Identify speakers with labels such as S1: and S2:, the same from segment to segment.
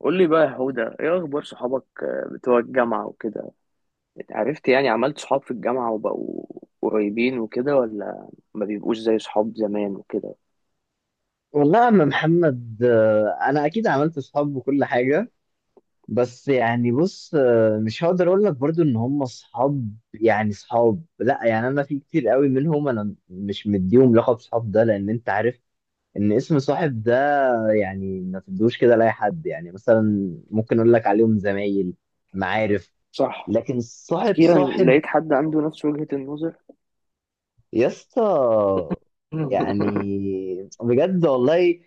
S1: قول لي بقى يا هدى، ايه اخبار صحابك، آه، بتوع الجامعة وكده؟ اتعرفت؟ يعني عملت صحاب في الجامعة وبقوا قريبين وكده، ولا ما بيبقوش زي صحاب زمان وكده؟
S2: والله يا عم محمد، انا اكيد عملت اصحاب وكل حاجه. بس يعني بص، مش هقدر اقول لك برضو ان هم اصحاب، يعني اصحاب. لا يعني انا في كتير قوي منهم، انا مش مديهم لقب صحاب ده، لان انت عارف ان اسم صاحب ده يعني ما تدوش كده لاي حد. يعني مثلا ممكن اقول لك عليهم زمايل، معارف،
S1: صح.
S2: لكن صاحب
S1: اخيرا
S2: صاحب
S1: لقيت حد عنده نفس وجهة النظر.
S2: يا اسطى. يعني بجد والله،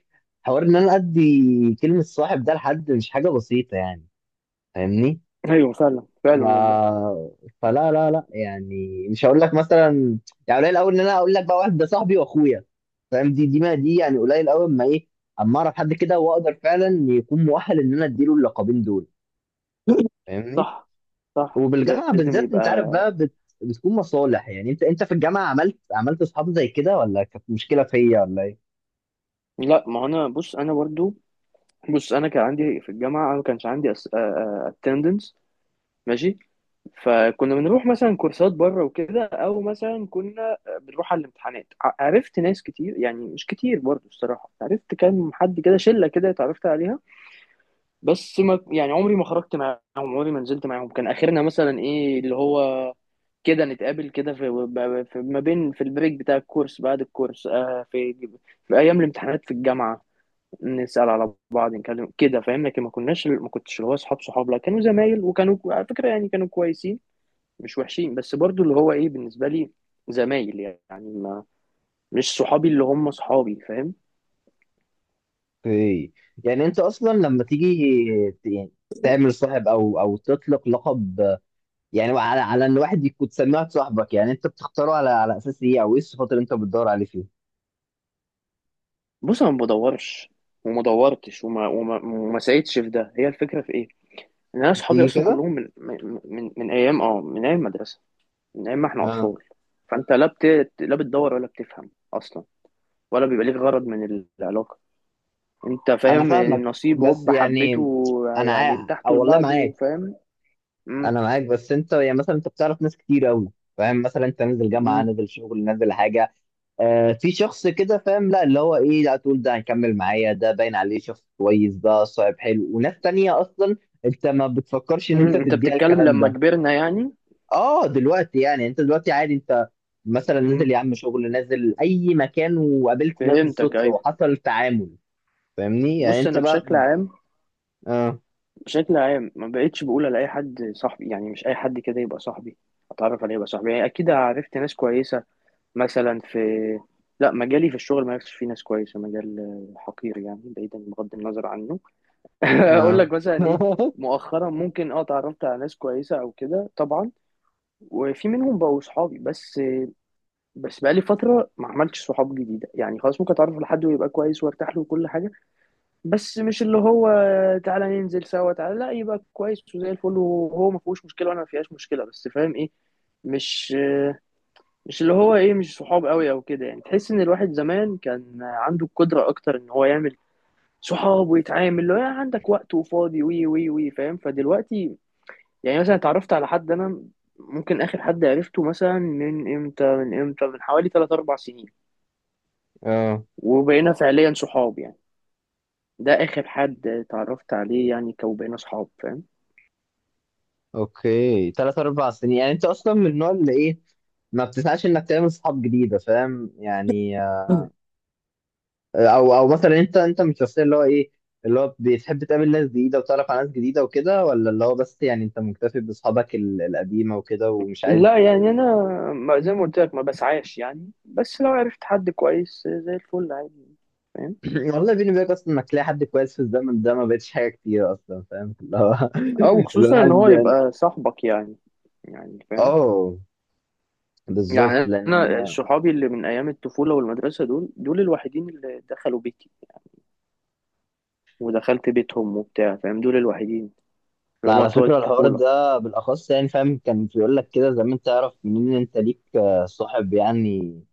S2: حوار ان انا ادي كلمة صاحب ده لحد مش حاجة بسيطة يعني. فاهمني؟
S1: ايوه، فعلا
S2: ف...
S1: فعلا والله.
S2: فلا لا لا، يعني مش هقول لك مثلا. يعني قليل قوي ان انا اقول لك بقى واحد ده صاحبي واخويا، فاهم. دي ما دي، يعني قليل قوي. اما اعرف حد كده واقدر فعلا يكون مؤهل ان انا اديله اللقبين دول، فاهمني؟
S1: صح. صح،
S2: وبالجامعة
S1: لازم
S2: بالذات
S1: يبقى.
S2: انت عارف بقى، بتكون مصالح. يعني انت في الجامعة عملت اصحاب زي كده، ولا كانت مشكلة فيا ولا ايه؟
S1: لا، ما هو انا، بص انا برضو، بص انا كان عندي في الجامعة، انا ما كانش عندي attendance. ماشي. فكنا بنروح مثلا كورسات بره وكده، او مثلا كنا بنروح على الامتحانات. عرفت ناس كتير، يعني مش كتير برضو الصراحه، عرفت كام حد كده، شله كده اتعرفت عليها. بس ما، يعني عمري ما خرجت معاهم، عمري ما نزلت معاهم. كان اخرنا مثلا ايه اللي هو كده، نتقابل كده في ما بين، في البريك بتاع الكورس، بعد الكورس، آه، في ايام الامتحانات في الجامعه، نسال على بعض، نتكلم كده، فاهم؟ لكن ما كنتش اللي هو اصحاب صحاب، لا، كانوا زمايل، وكانوا على فكره يعني كانوا كويسين، مش وحشين. بس برضو اللي هو ايه، بالنسبه لي زمايل، يعني ما، مش صحابي اللي هم صحابي، فاهم؟
S2: اوكي. يعني انت اصلا لما تيجي، يعني تعمل صاحب، او تطلق لقب يعني على ان واحد يكون تسميه واحد صاحبك. يعني انت بتختاره على اساس ايه؟ او ايه الصفات اللي انت بتدور عليه فيه؟
S1: بص انا ما بدورش، وما دورتش وما سعيتش في ده. هي الفكره في ايه، ان انا صحابي
S2: تيجي
S1: اصلا
S2: كده.
S1: كلهم من ايام، من ايام المدرسه، من ايام ما احنا
S2: اه،
S1: اطفال. فانت لا، لا بتدور ولا بتفهم اصلا، ولا بيبقى ليك غرض من العلاقه. انت
S2: انا
S1: فاهم،
S2: فاهمك.
S1: النصيب
S2: بس
S1: هوب
S2: يعني
S1: حبيته.
S2: انا
S1: يعني ارتحتوا
S2: او والله
S1: لبعض
S2: معاك.
S1: وفاهم. مم.
S2: انا معاك، بس انت يعني مثلا انت بتعرف ناس كتير قوي، فاهم. مثلا انت نازل جامعه،
S1: مم.
S2: نازل شغل، نازل حاجه، آه في شخص كده، فاهم، لا اللي هو ايه، لا تقول ده هيكمل معايا، ده باين عليه شخص كويس، ده صاحب حلو. وناس تانية اصلا انت ما بتفكرش ان انت
S1: مم. انت
S2: تديها
S1: بتتكلم
S2: الكلام
S1: لما
S2: ده.
S1: كبرنا يعني.
S2: اه دلوقتي يعني، انت دلوقتي عادي. انت مثلا نازل يا عم شغل، نازل اي مكان، وقابلت ناس
S1: فهمتك،
S2: بالصدفة،
S1: ايوه.
S2: وحصل تعامل، فاهمني؟ يعني
S1: بص
S2: انت
S1: انا
S2: بقى.
S1: بشكل عام،
S2: اه.
S1: بشكل عام ما بقتش بقول على اي حد صاحبي، يعني مش اي حد كده يبقى صاحبي، اتعرف عليه يبقى صاحبي. يعني اكيد عرفت ناس كويسه مثلا، لا مجالي في الشغل ما عرفتش فيه ناس كويسه، مجال حقير يعني، بعيدا، بغض النظر عنه. اقول
S2: اه.
S1: لك مثلا ايه، مؤخرا ممكن، اتعرفت على ناس كويسه او كده طبعا، وفي منهم بقوا صحابي. بس بس بقالي فتره ما عملتش صحاب جديده، يعني خلاص ممكن اتعرف على حد ويبقى كويس وارتاح له وكل حاجه، بس مش اللي هو تعالى ننزل سوا. لا، يبقى كويس وزي الفل وهو ما فيهوش مشكله وانا ما فيهاش مشكله، بس فاهم ايه، مش مش اللي هو ايه، مش صحاب قوي او كده. يعني تحس ان الواحد زمان كان عنده القدره اكتر ان هو يعمل صحاب ويتعامل، اللي هو يعني عندك وقت وفاضي وي وي وي فاهم. فدلوقتي يعني مثلا اتعرفت على حد انا، ممكن اخر حد عرفته مثلا من امتى، من امتى، من حوالي 3 4 سنين
S2: اه.
S1: وبقينا فعليا صحاب. يعني ده اخر حد اتعرفت عليه يعني، كوبقينا صحاب، فاهم؟
S2: اوكي، 3 4 سنين. يعني انت اصلا من النوع اللي ايه، ما بتسعاش انك تعمل صحاب جديده، فاهم يعني؟ او مثلا انت من الشخصيه اللي هو ايه، اللي هو بتحب تقابل ناس جديده وتعرف على ناس جديده وكده، ولا اللي هو بس يعني انت مكتفي باصحابك القديمه وكده ومش عايز.
S1: لا يعني انا زي ما قلت لك ما بسعاش يعني، بس لو عرفت حد كويس زي الفل عادي، فاهم؟
S2: والله بيني وبينك، اصلا انك تلاقي حد كويس في الزمن ده ما بقتش حاجه كتير اصلا، فاهم اللي هو
S1: او خصوصا ان
S2: الواحد
S1: هو
S2: يعني.
S1: يبقى صاحبك يعني، يعني فاهم.
S2: اه بالظبط،
S1: يعني انا
S2: لان
S1: صحابي اللي من ايام الطفوله والمدرسه، دول دول الوحيدين اللي دخلوا بيتي ودخلت بيتهم وبتاع، فاهم؟ دول الوحيدين اللي هما
S2: على
S1: بتوع
S2: فكره الحوار
S1: الطفوله.
S2: ده بالاخص يعني، فاهم، كان بيقول لك كده زمان تعرف منين إن انت ليك صاحب يعني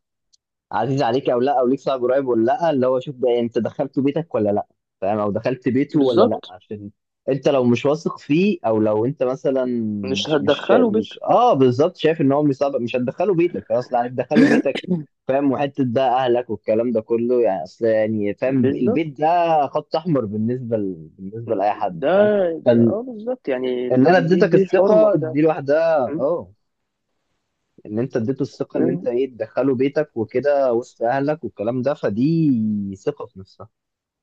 S2: عزيز عليك او لا، او ليك صاحب قريب ولا لا. اللي هو شوف، ده انت دخلته بيتك ولا لا؟ فاهم، او دخلت بيته ولا لا؟
S1: بالظبط،
S2: عشان انت لو مش واثق فيه، او لو انت مثلا
S1: مش
S2: مش
S1: هتدخلوا بيت.
S2: مش بالظبط شايف ان هو مش صعب، مش هتدخله بيتك خلاص. لا هتدخله بيتك فاهم، وحته ده اهلك والكلام ده كله، يعني اصل يعني فاهم،
S1: بالظبط.
S2: البيت ده خط احمر بالنسبه لاي حد،
S1: ده,
S2: فاهم.
S1: ده
S2: فان
S1: بالظبط. يعني
S2: ان انا
S1: دي دي,
S2: اديتك
S1: دي الحرمه
S2: الثقه
S1: بتاعتك.
S2: دي لوحدها، اه، ان انت اديته الثقه ان انت ايه، تدخله بيتك وكده وسط اهلك والكلام ده، فدي ثقه في نفسها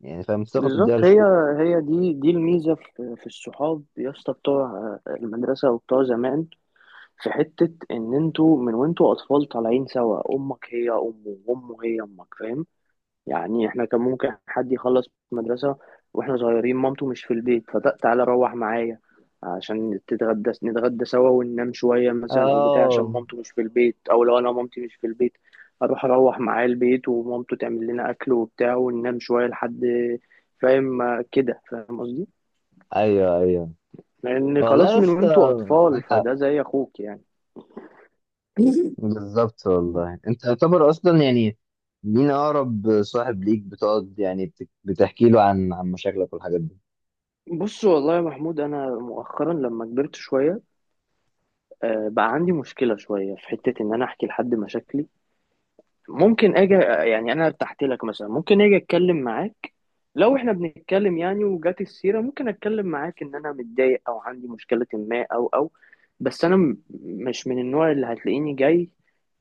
S2: يعني، فاهم، ثقه تديها
S1: بالظبط. هي
S2: للشخص.
S1: هي دي الميزه في الصحاب يا اسطى، بتوع آه، المدرسه وبتوع زمان، في حته ان انتوا من وانتوا اطفال طالعين سوا، امك هي امه وامه هي امك، فاهم؟ يعني احنا كان ممكن حد يخلص مدرسة واحنا صغيرين، مامته مش في البيت، فتعالى روح معايا عشان تتغدى، نتغدى سوا وننام شوية مثلا، أو بتاع، عشان
S2: اه،
S1: مامته مش في البيت، أو لو أنا مامتي مش في البيت أروح معاه البيت ومامته تعمل لنا أكل وبتاع، وننام شوية لحد، فاهم؟ آه، كده، فاهم قصدي؟
S2: ايوه ايوه
S1: لأن
S2: والله
S1: خلاص،
S2: يا
S1: من
S2: اسطى،
S1: وأنتوا أطفال
S2: معاك حق.
S1: فده زي أخوك يعني.
S2: بالظبط والله، انت يعتبر اصلا يعني مين اقرب صاحب ليك بتقعد يعني بتحكي له عن مشاكلك والحاجات دي؟
S1: بص والله يا محمود، أنا مؤخرا لما كبرت شوية، آه، بقى عندي مشكلة شوية في حتة إن أنا أحكي لحد مشاكلي. ممكن أجي، يعني أنا ارتحت لك مثلا، ممكن أجي أتكلم معاك. لو إحنا بنتكلم يعني وجات السيرة ممكن أتكلم معاك إن أنا متضايق أو عندي مشكلة ما، أو. بس أنا مش من النوع اللي هتلاقيني جاي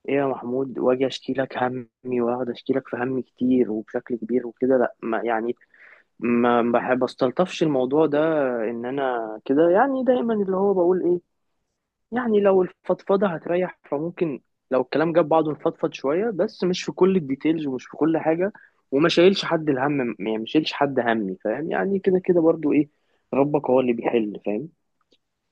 S1: إيه يا محمود، وأجي أشكي لك همي وأقعد أشكي لك في همي كتير وبشكل كبير وكده. لأ، ما يعني ما بحب استلطفش الموضوع ده، إن أنا كده. يعني دايما اللي هو بقول إيه، يعني لو الفضفضة هتريح فممكن، لو الكلام جاب بعضه نفضفض شوية، بس مش في كل الديتيلز ومش في كل حاجة، وما شايلش حد الهم، يعني ما شايلش حد همي، فاهم؟ يعني كده كده برضو ايه، ربك هو اللي بيحل، فاهم؟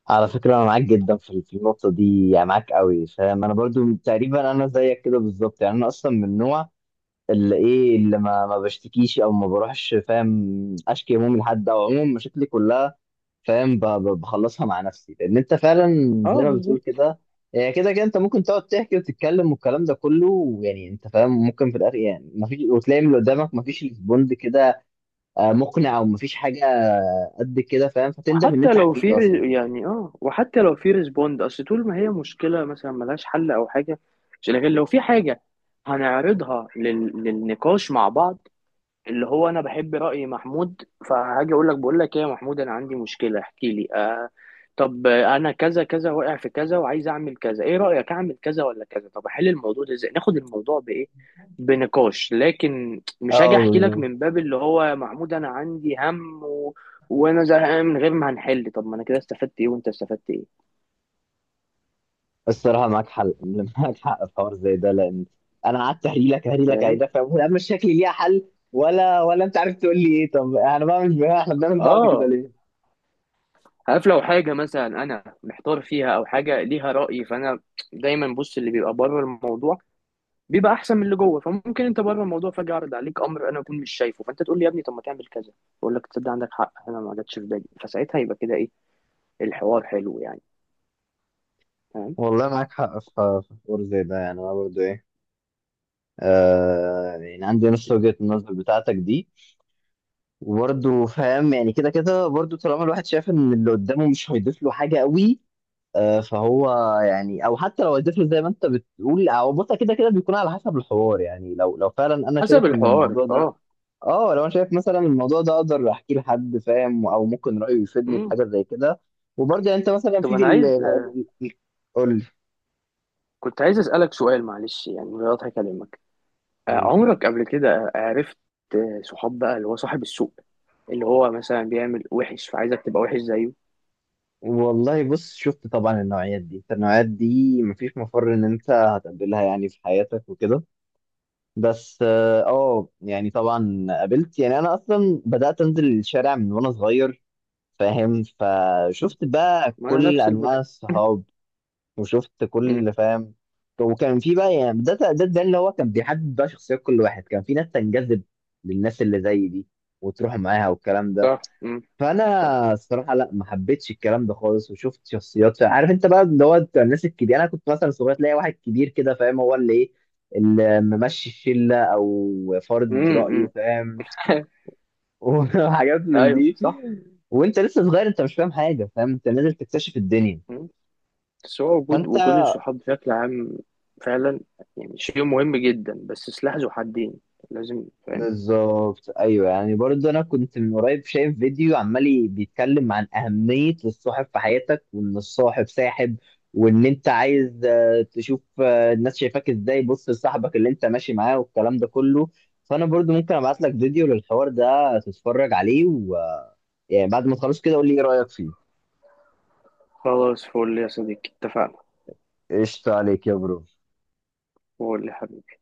S2: على فكره انا معاك جدا في النقطه دي، يعني معاك قوي فاهم. انا برضو تقريبا انا زيك كده بالظبط. يعني انا اصلا من نوع اللي ايه، اللي ما بشتكيش او ما بروحش فاهم، اشكي همومي لحد، او عموما مشاكلي كلها فاهم. بخلصها مع نفسي، لان انت فعلا زي
S1: اه،
S2: ما بتقول
S1: بالظبط.
S2: كده، هي كده كده انت ممكن تقعد تحكي وتتكلم والكلام ده كله، ويعني انت فاهم ممكن في الاخر يعني ما فيش، وتلاقي من اللي قدامك ما فيش ريسبوند كده مقنع، او ما فيش حاجه قد كده فاهم، فتندم ان
S1: حتى
S2: انت
S1: لو
S2: حكيت
S1: في
S2: اصلا.
S1: وحتى لو في ريسبوند، اصل طول ما هي مشكلة مثلا ملهاش حل او حاجة. لكن لو في حاجة هنعرضها للنقاش مع بعض، اللي هو انا بحب رأي محمود، فهاجي اقول لك بقول لك ايه يا محمود، انا عندي مشكلة احكي لي آه. طب انا كذا كذا واقع في كذا وعايز اعمل كذا، ايه رأيك اعمل كذا ولا كذا؟ طب احل الموضوع ده ازاي، ناخد الموضوع بايه، بنقاش. لكن مش هاجي
S2: اه
S1: احكي لك
S2: بالظبط.
S1: من باب اللي هو يا محمود انا عندي هم و... وانا زهقان من غير ما هنحل. طب ما انا كده استفدت ايه وانت استفدت ايه؟
S2: الصراحة معاك حل، معاك حق في حوار زي ده، لأن أنا قعدت أهري لك أهري لك أهري
S1: فاهم؟
S2: لك فاهم، أنا مش شكلي ليها حل. ولا أنت عارف تقول لي إيه. طب أنا بعمل، إحنا بنعمل بعض كده
S1: اه،
S2: ليه؟
S1: عارف، لو حاجة مثلا انا محتار فيها او حاجة ليها رأي، فانا دايما، بص، اللي بيبقى بره الموضوع بيبقى احسن من اللي جوه. فممكن انت بره الموضوع، فجاه يعرض عليك امر انا اكون مش شايفه، فانت تقول لي يا ابني طب ما تعمل كذا. اقول لك تصدق عندك حق، انا ما جاتش في بالي. فساعتها يبقى كده ايه، الحوار حلو يعني، فاهم؟
S2: والله معاك حق في حوار زي ده، يعني أنا برضه إيه، آه، يعني عندي نفس وجهة النظر بتاعتك دي. وبرضه فاهم يعني كده كده، برضه طالما الواحد شايف إن اللي قدامه مش هيضيف له حاجة قوي، آه فهو يعني، او حتى لو هيضيف له زي ما انت بتقول، او بص كده كده بيكون على حسب الحوار. يعني لو فعلا انا
S1: حسب
S2: شايف ان
S1: الحوار،
S2: الموضوع ده،
S1: اه.
S2: اه، لو انا شايف مثلا الموضوع ده اقدر احكيه لحد فاهم، او ممكن رايه يفيدني في
S1: امم.
S2: حاجه زي كده. وبرضه يعني انت مثلا
S1: طب
S2: في
S1: انا عايز، آه
S2: قول لي.
S1: كنت عايز اسالك سؤال معلش، يعني من غير اكلمك، آه،
S2: قول لي.
S1: عمرك قبل كده عرفت آه، صحاب بقى اللي هو صاحب السوق، اللي هو مثلا بيعمل وحش فعايزك تبقى وحش زيه؟
S2: والله بص، شفت طبعا النوعيات دي. أنت النوعيات دي مفيش مفر ان انت هتقابلها يعني في حياتك وكده. بس اه، يعني طبعا قابلت. يعني انا اصلا بدات انزل الشارع من وانا صغير فاهم، فشفت بقى
S1: ما انا
S2: كل
S1: نفس
S2: انواع
S1: الفكره.
S2: الصحاب، وشفت
S1: امم.
S2: كل فاهم. وكان في بقى يعني، ده اللي هو كان بيحدد بقى شخصيات كل واحد، كان في ناس تنجذب للناس اللي زي دي وتروح معاها والكلام ده.
S1: صح. امم. صح.
S2: فانا الصراحه لا، ما حبيتش الكلام ده خالص، وشفت شخصيات. عارف انت بقى اللي هو بتاع الناس الكبيره، انا كنت مثلا صغير تلاقي واحد كبير كده فاهم هو اللي ايه، اللي ممشي الشله او فرض
S1: امم.
S2: رايه،
S1: أمم.
S2: فاهم. وحاجات من
S1: ايوه،
S2: دي.
S1: صح.
S2: وانت لسه صغير انت مش فاهم حاجه، فاهم انت نازل تكتشف الدنيا،
S1: بس هو وجود،
S2: فانت.
S1: الصحاب بشكل عام فعلا يعني شيء مهم جدا، بس سلاح ذو حدين، لازم، فاهم؟
S2: بالظبط ايوه، يعني برضه انا كنت من قريب شايف فيديو عمال بيتكلم عن اهميه الصاحب في حياتك، وان الصاحب ساحب، وان انت عايز تشوف الناس شايفاك ازاي، بص لصاحبك اللي انت ماشي معاه والكلام ده كله. فانا برضه ممكن ابعت لك فيديو للحوار ده تتفرج عليه، يعني بعد ما تخلص كده قول لي ايه رايك فيه.
S1: خلاص، فول يا صديقي، اتفقنا.
S2: قشطة عليك يا برو.
S1: قول لي حبيبي.